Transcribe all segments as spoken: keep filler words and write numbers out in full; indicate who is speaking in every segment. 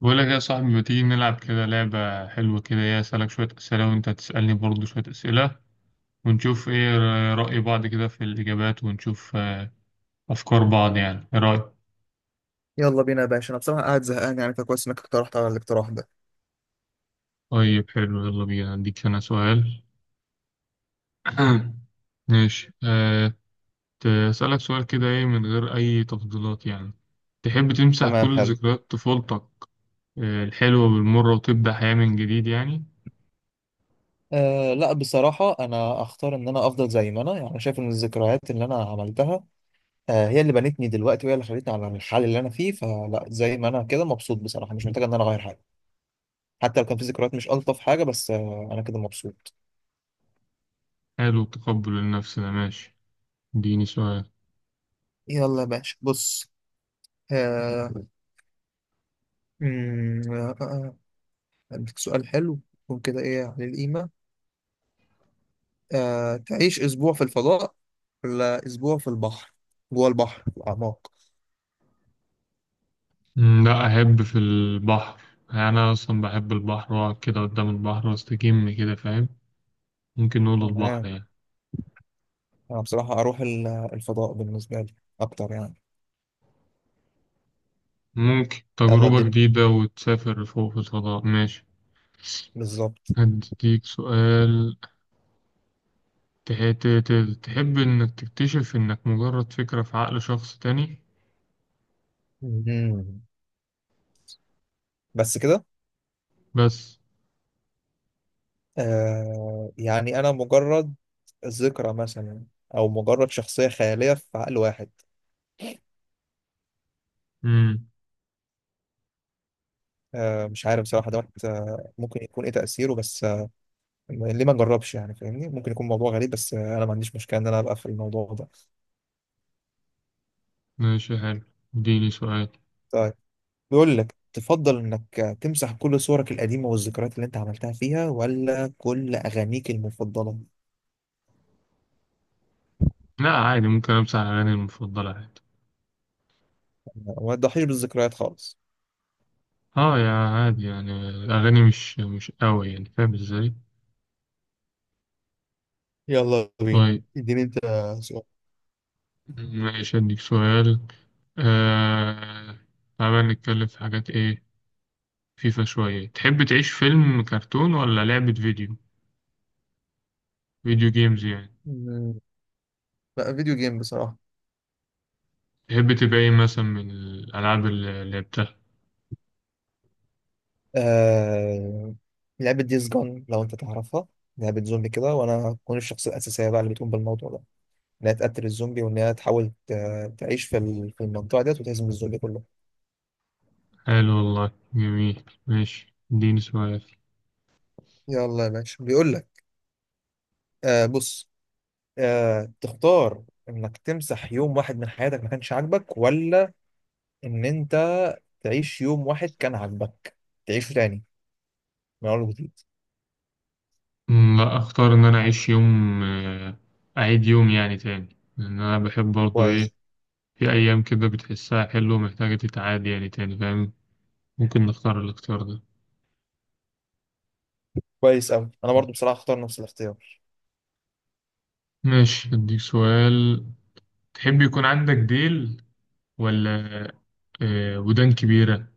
Speaker 1: بقول لك يا صاحبي، ما تيجي نلعب كده لعبة حلوة كده، ايه أسألك شوية أسئلة وأنت تسألني برضو شوية أسئلة، ونشوف إيه رأي بعض كده في الإجابات، ونشوف آه، أفكار بعض، يعني إيه رأيك؟
Speaker 2: يلا بينا يا باشا، انا بصراحه قاعد زهقان، يعني فكويس انك اقترحت على الاقتراح ده.
Speaker 1: طيب حلو، يلا بينا، أديك أنا سؤال. ماشي. أه ت- أسألك سؤال كده، إيه، من غير أي تفضيلات يعني. تحب تمسح
Speaker 2: تمام،
Speaker 1: كل
Speaker 2: حلو.
Speaker 1: ذكريات طفولتك، آه، الحلوة والمرة، وتبدأ حياة من جديد يعني؟
Speaker 2: أه لا بصراحة أنا أختار إن أنا أفضل زي ما أنا، يعني شايف إن الذكريات اللي أنا عملتها أه هي اللي بنتني دلوقتي، وهي اللي خلتني على الحال اللي أنا فيه، فلا زي ما أنا كده مبسوط بصراحة، مش محتاج إن أنا أغير حاجة. حتى لو كان في ذكريات مش ألطف حاجة، بس أه أنا كده مبسوط.
Speaker 1: حلو، التقبل النفس ده، ماشي. اديني سؤال.
Speaker 2: يلا يا باشا بص. آه، أمم، آه، آه، آه، عندك سؤال حلو يكون كده ايه على القيمه. آه، تعيش أسبوع في الفضاء ولا أسبوع في البحر، جوه البحر في الأعماق؟
Speaker 1: مم، لا، أحب في البحر. يعني أنا أصلا بحب البحر وأقعد كده قدام البحر وأستجم كده، فاهم. ممكن نقول البحر
Speaker 2: تمام.
Speaker 1: يعني.
Speaker 2: أنا بصراحة أروح ال- الفضاء بالنسبة لي أكتر يعني.
Speaker 1: ممكن
Speaker 2: يلا
Speaker 1: تجربة
Speaker 2: الدنيا.
Speaker 1: جديدة وتسافر فوق في الفضاء، ماشي.
Speaker 2: بالظبط.
Speaker 1: هديك سؤال. تح- ت- ت- تحب إنك تكتشف إنك مجرد فكرة في عقل شخص تاني،
Speaker 2: مم. بس كده.
Speaker 1: بس.
Speaker 2: آه، يعني أنا مجرد ذكرى مثلا، أو مجرد شخصية خيالية في عقل واحد.
Speaker 1: مم.
Speaker 2: آه مش عارف بصراحة دوت آه، ممكن يكون إيه تأثيره، بس آه ليه ما نجربش يعني، فاهمني؟ ممكن يكون موضوع غريب، بس آه أنا ما عنديش مشكلة إن أنا أبقى في الموضوع ده.
Speaker 1: ماشي حلو، اديني سؤال.
Speaker 2: طيب، بيقول لك تفضل انك تمسح كل صورك القديمة والذكريات اللي انت عملتها فيها، ولا كل اغانيك المفضلة
Speaker 1: لا عادي، ممكن أمسح أغاني المفضلة عادي.
Speaker 2: وما تضحيش بالذكريات خالص؟
Speaker 1: اه، يا عادي، يعني الأغاني مش مش قوي يعني، فاهم ازاي؟
Speaker 2: يلا بينا.
Speaker 1: طيب
Speaker 2: اديني انت سؤال.
Speaker 1: ماشي، أديك سؤال. آه... تعالى نتكلم في حاجات، إيه، فيفا شوية. تحب تعيش فيلم كرتون ولا لعبة فيديو؟ فيديو جيمز يعني.
Speaker 2: مم، لا فيديو جيم بصراحة.
Speaker 1: تحب تبقى إيه مثلا من الألعاب اللي لعبتها؟
Speaker 2: آه... لعبة ديز جون، لو انت تعرفها، لعبة زومبي كده، وانا هكون الشخصية الأساسية بقى اللي بتقوم بالموضوع ده، انها تقتل الزومبي، وان هي تحاول ت- تعيش في ال- في المنطقة ديت، وتهزم الزومبي كله.
Speaker 1: حلو والله، جميل، ماشي، اديني سؤال.
Speaker 2: يلا يا باشا، بيقول لك آه بص، آه، تختار انك تمسح يوم واحد من حياتك ما كانش عاجبك، ولا ان انت تعيش يوم واحد كان عاجبك، تعيشه تاني من اول وجديد؟
Speaker 1: أمم، لا، أختار إن أنا أعيش يوم، آه، أعيد يوم يعني تاني. لأن أنا بحب برضه،
Speaker 2: كويس.
Speaker 1: إيه، في أيام كده بتحسها حلوة ومحتاجة تتعاد يعني تاني، فاهم. ممكن نختار الاختيار ده.
Speaker 2: كويس قوي، انا برضو بصراحه اختار نفس الاختيار.
Speaker 1: ماشي، أديك سؤال. تحب يكون عندك ديل، ولا آه، ودان كبيرة؟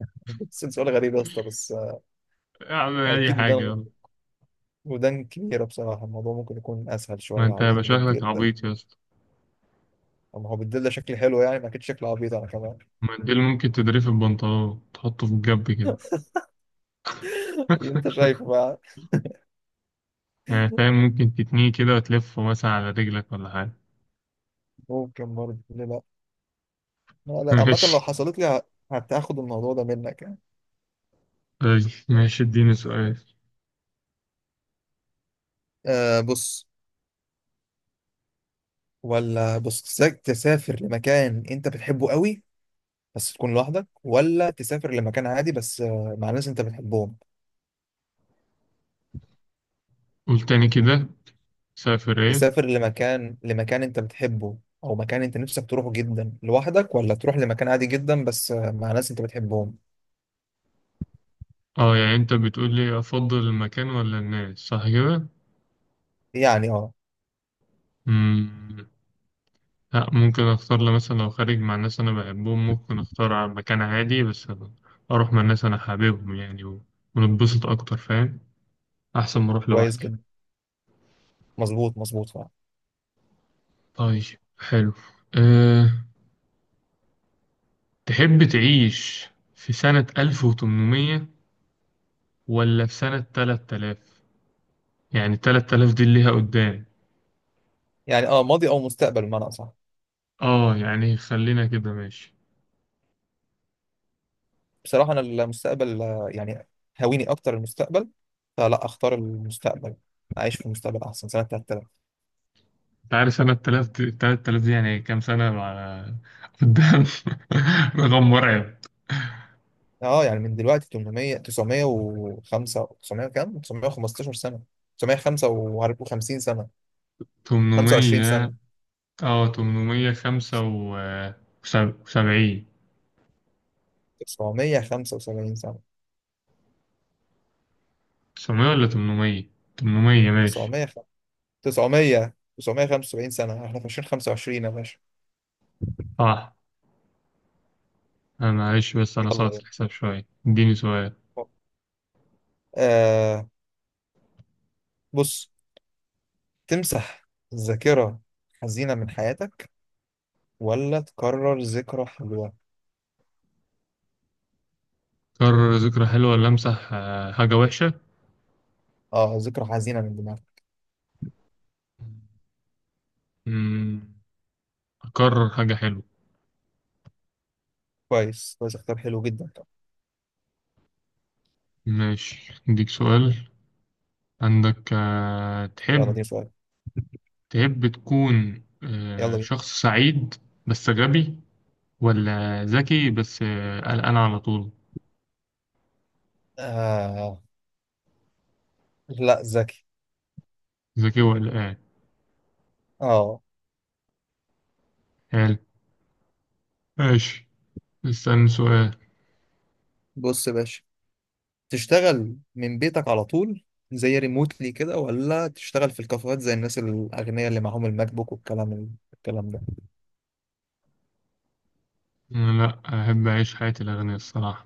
Speaker 2: بس سؤال غريب يا اسطى، بس آه،
Speaker 1: أعمل أي
Speaker 2: اكيد
Speaker 1: حاجة،
Speaker 2: ودان.
Speaker 1: يلا.
Speaker 2: ودان كبيره بصراحه، الموضوع ممكن يكون اسهل
Speaker 1: ما
Speaker 2: شويه
Speaker 1: أنت
Speaker 2: عليا
Speaker 1: يبقى
Speaker 2: من
Speaker 1: شكلك
Speaker 2: الديل ده.
Speaker 1: عبيط يا اسطى.
Speaker 2: اما هو بالديل ده شكلي حلو يعني، ما اكيد شكله عبيط انا كمان.
Speaker 1: ما الديل ممكن تدريه في البنطلون، تحطه في الجنب كده.
Speaker 2: اللي انت شايفه بقى.
Speaker 1: يعني فاهم، ممكن تتنيه كده وتلفه مثلا على رجلك ولا حاجة.
Speaker 2: ممكن برضه، ليه لا. لا لا، عامه لو
Speaker 1: ماشي.
Speaker 2: حصلت لي ه- هتاخد الموضوع ده منك يعني.
Speaker 1: طيب، ماشي، اديني سؤال.
Speaker 2: أه بص، ولا بص تسا- تسافر لمكان انت بتحبه قوي بس تكون لوحدك، ولا تسافر لمكان عادي بس آه، مع ناس انت بتحبهم؟
Speaker 1: قول تاني كده، سافر ايه؟
Speaker 2: تسافر لمكان لمكان انت بتحبه او مكان انت نفسك تروحه جدا لوحدك، ولا تروح لمكان عادي جدا بس آه، مع ناس انت بتحبهم؟
Speaker 1: اه، يعني انت بتقول لي افضل المكان ولا الناس، صح كده؟
Speaker 2: يعني اه.
Speaker 1: مم. لا، ممكن اختار، لو مثلا لو خارج مع ناس انا بحبهم، ممكن اختار على مكان عادي، بس اروح مع ناس انا حاببهم يعني، و- ونتبسط اكتر، فاهم. احسن ما اروح
Speaker 2: كويس
Speaker 1: لوحدي.
Speaker 2: جدا. مظبوط مظبوط فعلا.
Speaker 1: طيب حلو. أه تحب تعيش في سنة ألف وتمنمية ولا في سنة ثلاثة آلاف؟ يعني ثلاثة آلاف دي اللي ليها قدام.
Speaker 2: يعني اه ماضي او مستقبل بمعنى اصح؟
Speaker 1: اه يعني خلينا كده، ماشي.
Speaker 2: بصراحة انا المستقبل آه، يعني هويني اكتر المستقبل، فلا اختار المستقبل، اعيش في المستقبل احسن، سنة ثلاثة آلاف.
Speaker 1: انت عارف سنة ثلاثة آلاف دي، ثلاثة آلاف دي يعني كام سنة على قدام؟ رقم مرعب.
Speaker 2: اه يعني من دلوقتي تمنمية، تسعمية وخمسة، تسعمية، كام، تسعمائة وخمسة عشر سنة، تسعمية وخمسة وخمسين سنة، خمسة وعشرين سنة،
Speaker 1: تمنمية. اه تمنمية خمسة وسبعين،
Speaker 2: تسعمية وخمسة وسبعين سنة،
Speaker 1: تسعمية ولا تمنمية؟ تمنمية، ماشي.
Speaker 2: تسعمية، تسعمية، تسعمية وخمسة وسبعين سنة. احنا في ألفين وخمسة وعشرين يا باشا.
Speaker 1: صح. آه معلش، بس أنا
Speaker 2: يلا
Speaker 1: صارت
Speaker 2: بينا.
Speaker 1: الحساب شوية. اديني سؤال.
Speaker 2: آه بص، تمسح ذاكرة حزينة من حياتك، ولا تكرر ذكرى حلوة؟
Speaker 1: أكرر ذكرى حلوة ولا أمسح آه، حاجة وحشة؟
Speaker 2: اه ذكرى حزينة من دماغك.
Speaker 1: مم، أكرر حاجة حلوة.
Speaker 2: كويس، كويس اختيار حلو جدا.
Speaker 1: ماشي، أديك سؤال. عندك آه،
Speaker 2: يلا
Speaker 1: تحب
Speaker 2: دي سؤال.
Speaker 1: تحب تكون
Speaker 2: يلا
Speaker 1: آه،
Speaker 2: بينا.
Speaker 1: شخص سعيد بس غبي، ولا ذكي بس آه، قلقان على طول؟
Speaker 2: آه، لا ذكي.
Speaker 1: ذكي وقلقان.
Speaker 2: اه.
Speaker 1: حلو، ماشي، اسألني سؤال.
Speaker 2: بص يا باشا، تشتغل من بيتك على طول زي ريموتلي كده، ولا تشتغل في الكافيهات زي الناس الأغنياء اللي معاهم الماك بوك والكلام الكلام ده؟
Speaker 1: لا، أحب أعيش حياة الأغنياء الصراحة.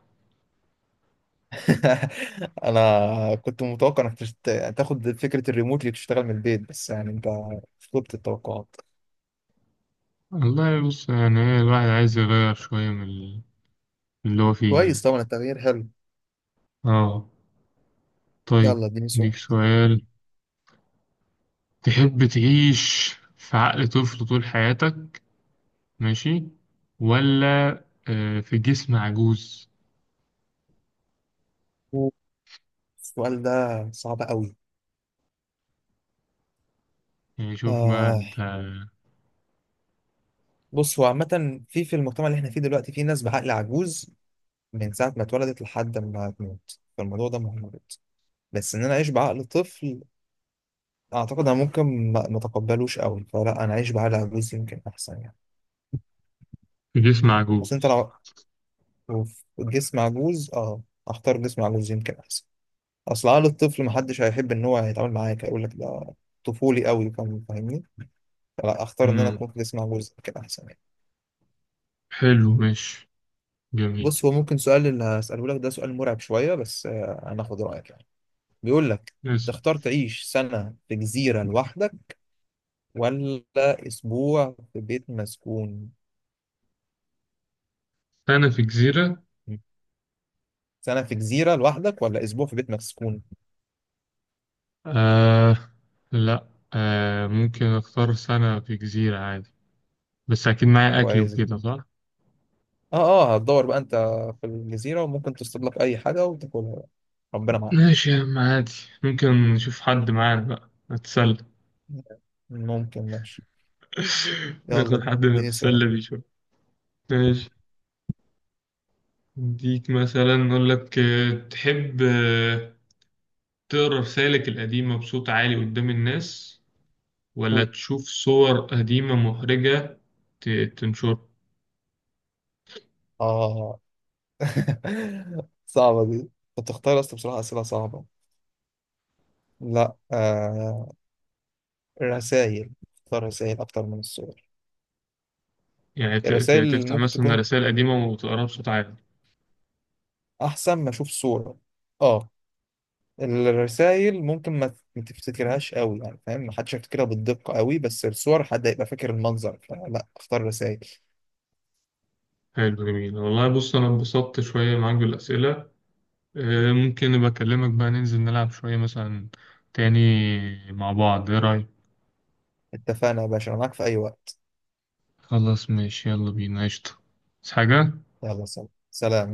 Speaker 2: أنا كنت متوقع إنك تشت... تاخد فكرة الريموتلي وتشتغل من البيت، بس يعني أنت فوقت التوقعات.
Speaker 1: والله بص، يعني إيه، الواحد عايز يغير شوية من ال- من اللي هو فيه يعني.
Speaker 2: كويس، طبعا التغيير حلو.
Speaker 1: آه طيب،
Speaker 2: يلا اديني
Speaker 1: ديك
Speaker 2: سؤال.
Speaker 1: سؤال. تحب تعيش في عقل طفل طول حياتك، ماشي، ولا آه، في جسم عجوز؟
Speaker 2: السؤال ده صعب قوي.
Speaker 1: يعني شوف بقى
Speaker 2: آه
Speaker 1: أنت.
Speaker 2: بص، هو عامة في في المجتمع اللي احنا فيه دلوقتي في ناس بعقل عجوز من ساعة ما اتولدت لحد ما تموت، فالموضوع ده مهم. بس ان انا اعيش بعقل طفل، اعتقد انا ممكن ما ما اتقبلوش قوي، فلا انا اعيش بعقل عجوز يمكن احسن يعني.
Speaker 1: في جسم
Speaker 2: بس انت
Speaker 1: عجوز.
Speaker 2: لو في جسم عجوز، اه اختار جسم عجوز يمكن احسن. اصل عقل الطفل محدش هيحب ان هو يتعامل معاك، يقول لك ده طفولي قوي، فاهم- فاهمني؟ فلا اختار ان انا
Speaker 1: مم.
Speaker 2: اكون في جسم عجوز يمكن احسن يعني.
Speaker 1: حلو، ماشي، جميل.
Speaker 2: بص هو ممكن سؤال اللي هسأله لك ده سؤال مرعب شوية، بس آه، انا اخد رأيك يعني. بيقول لك،
Speaker 1: بس
Speaker 2: تختار تعيش سنة في جزيرة لوحدك، ولا أسبوع في بيت مسكون؟
Speaker 1: أنا في جزيرة،
Speaker 2: سنة في جزيرة لوحدك ولا أسبوع في بيت مسكون؟
Speaker 1: آه لا آه ممكن أختار سنة في جزيرة عادي. بس أكيد معايا أكل
Speaker 2: كويس.
Speaker 1: وكده، صح؟
Speaker 2: اه. اه هتدور بقى أنت في الجزيرة، وممكن تصطاد لك أي حاجة وتاكلها بقى. ربنا معاك.
Speaker 1: ماشي يا عم، عادي. ممكن نشوف حد معانا بقى نتسلى.
Speaker 2: ممكن، ماشي.
Speaker 1: ناخد
Speaker 2: يلا
Speaker 1: حد
Speaker 2: اديني سؤال.
Speaker 1: نتسلى بيه شوية. ماشي، اديك مثلا، نقول لك آه، تحب آه، تقرا رسالك القديمة بصوت عالي قدام الناس، ولا تشوف صور قديمة محرجة ت- تنشرها؟
Speaker 2: اه. صعبة دي، أنت بتختار أصلا بصراحة أسئلة صعبة. لا آه، الرسائل. اختار رسائل أكتر من الصور.
Speaker 1: يعني ت- ت-
Speaker 2: الرسائل
Speaker 1: تفتح
Speaker 2: ممكن
Speaker 1: مثلا
Speaker 2: تكون
Speaker 1: رسائل قديمة وتقراها بصوت عالي.
Speaker 2: أحسن ما أشوف صورة. اه، الرسائل ممكن ما ما تفتكرهاش قوي، يعني فاهم، ما حدش هيفتكرها بالدقة قوي، بس الصور حد هيبقى فاكر المنظر، فلا اختار رسائل.
Speaker 1: حلو جميل والله، بص أنا انبسطت شوية معاك بالأسئلة. آه، ممكن أبقى أكلمك بقى ننزل نلعب شوية مثلا تاني مع بعض، إيه رأيك؟
Speaker 2: اتفقنا يا باشا، انا معاك في اي وقت.
Speaker 1: خلاص ماشي، يلا بينا قشطة. بس حاجة؟
Speaker 2: يلا، سلام سلام.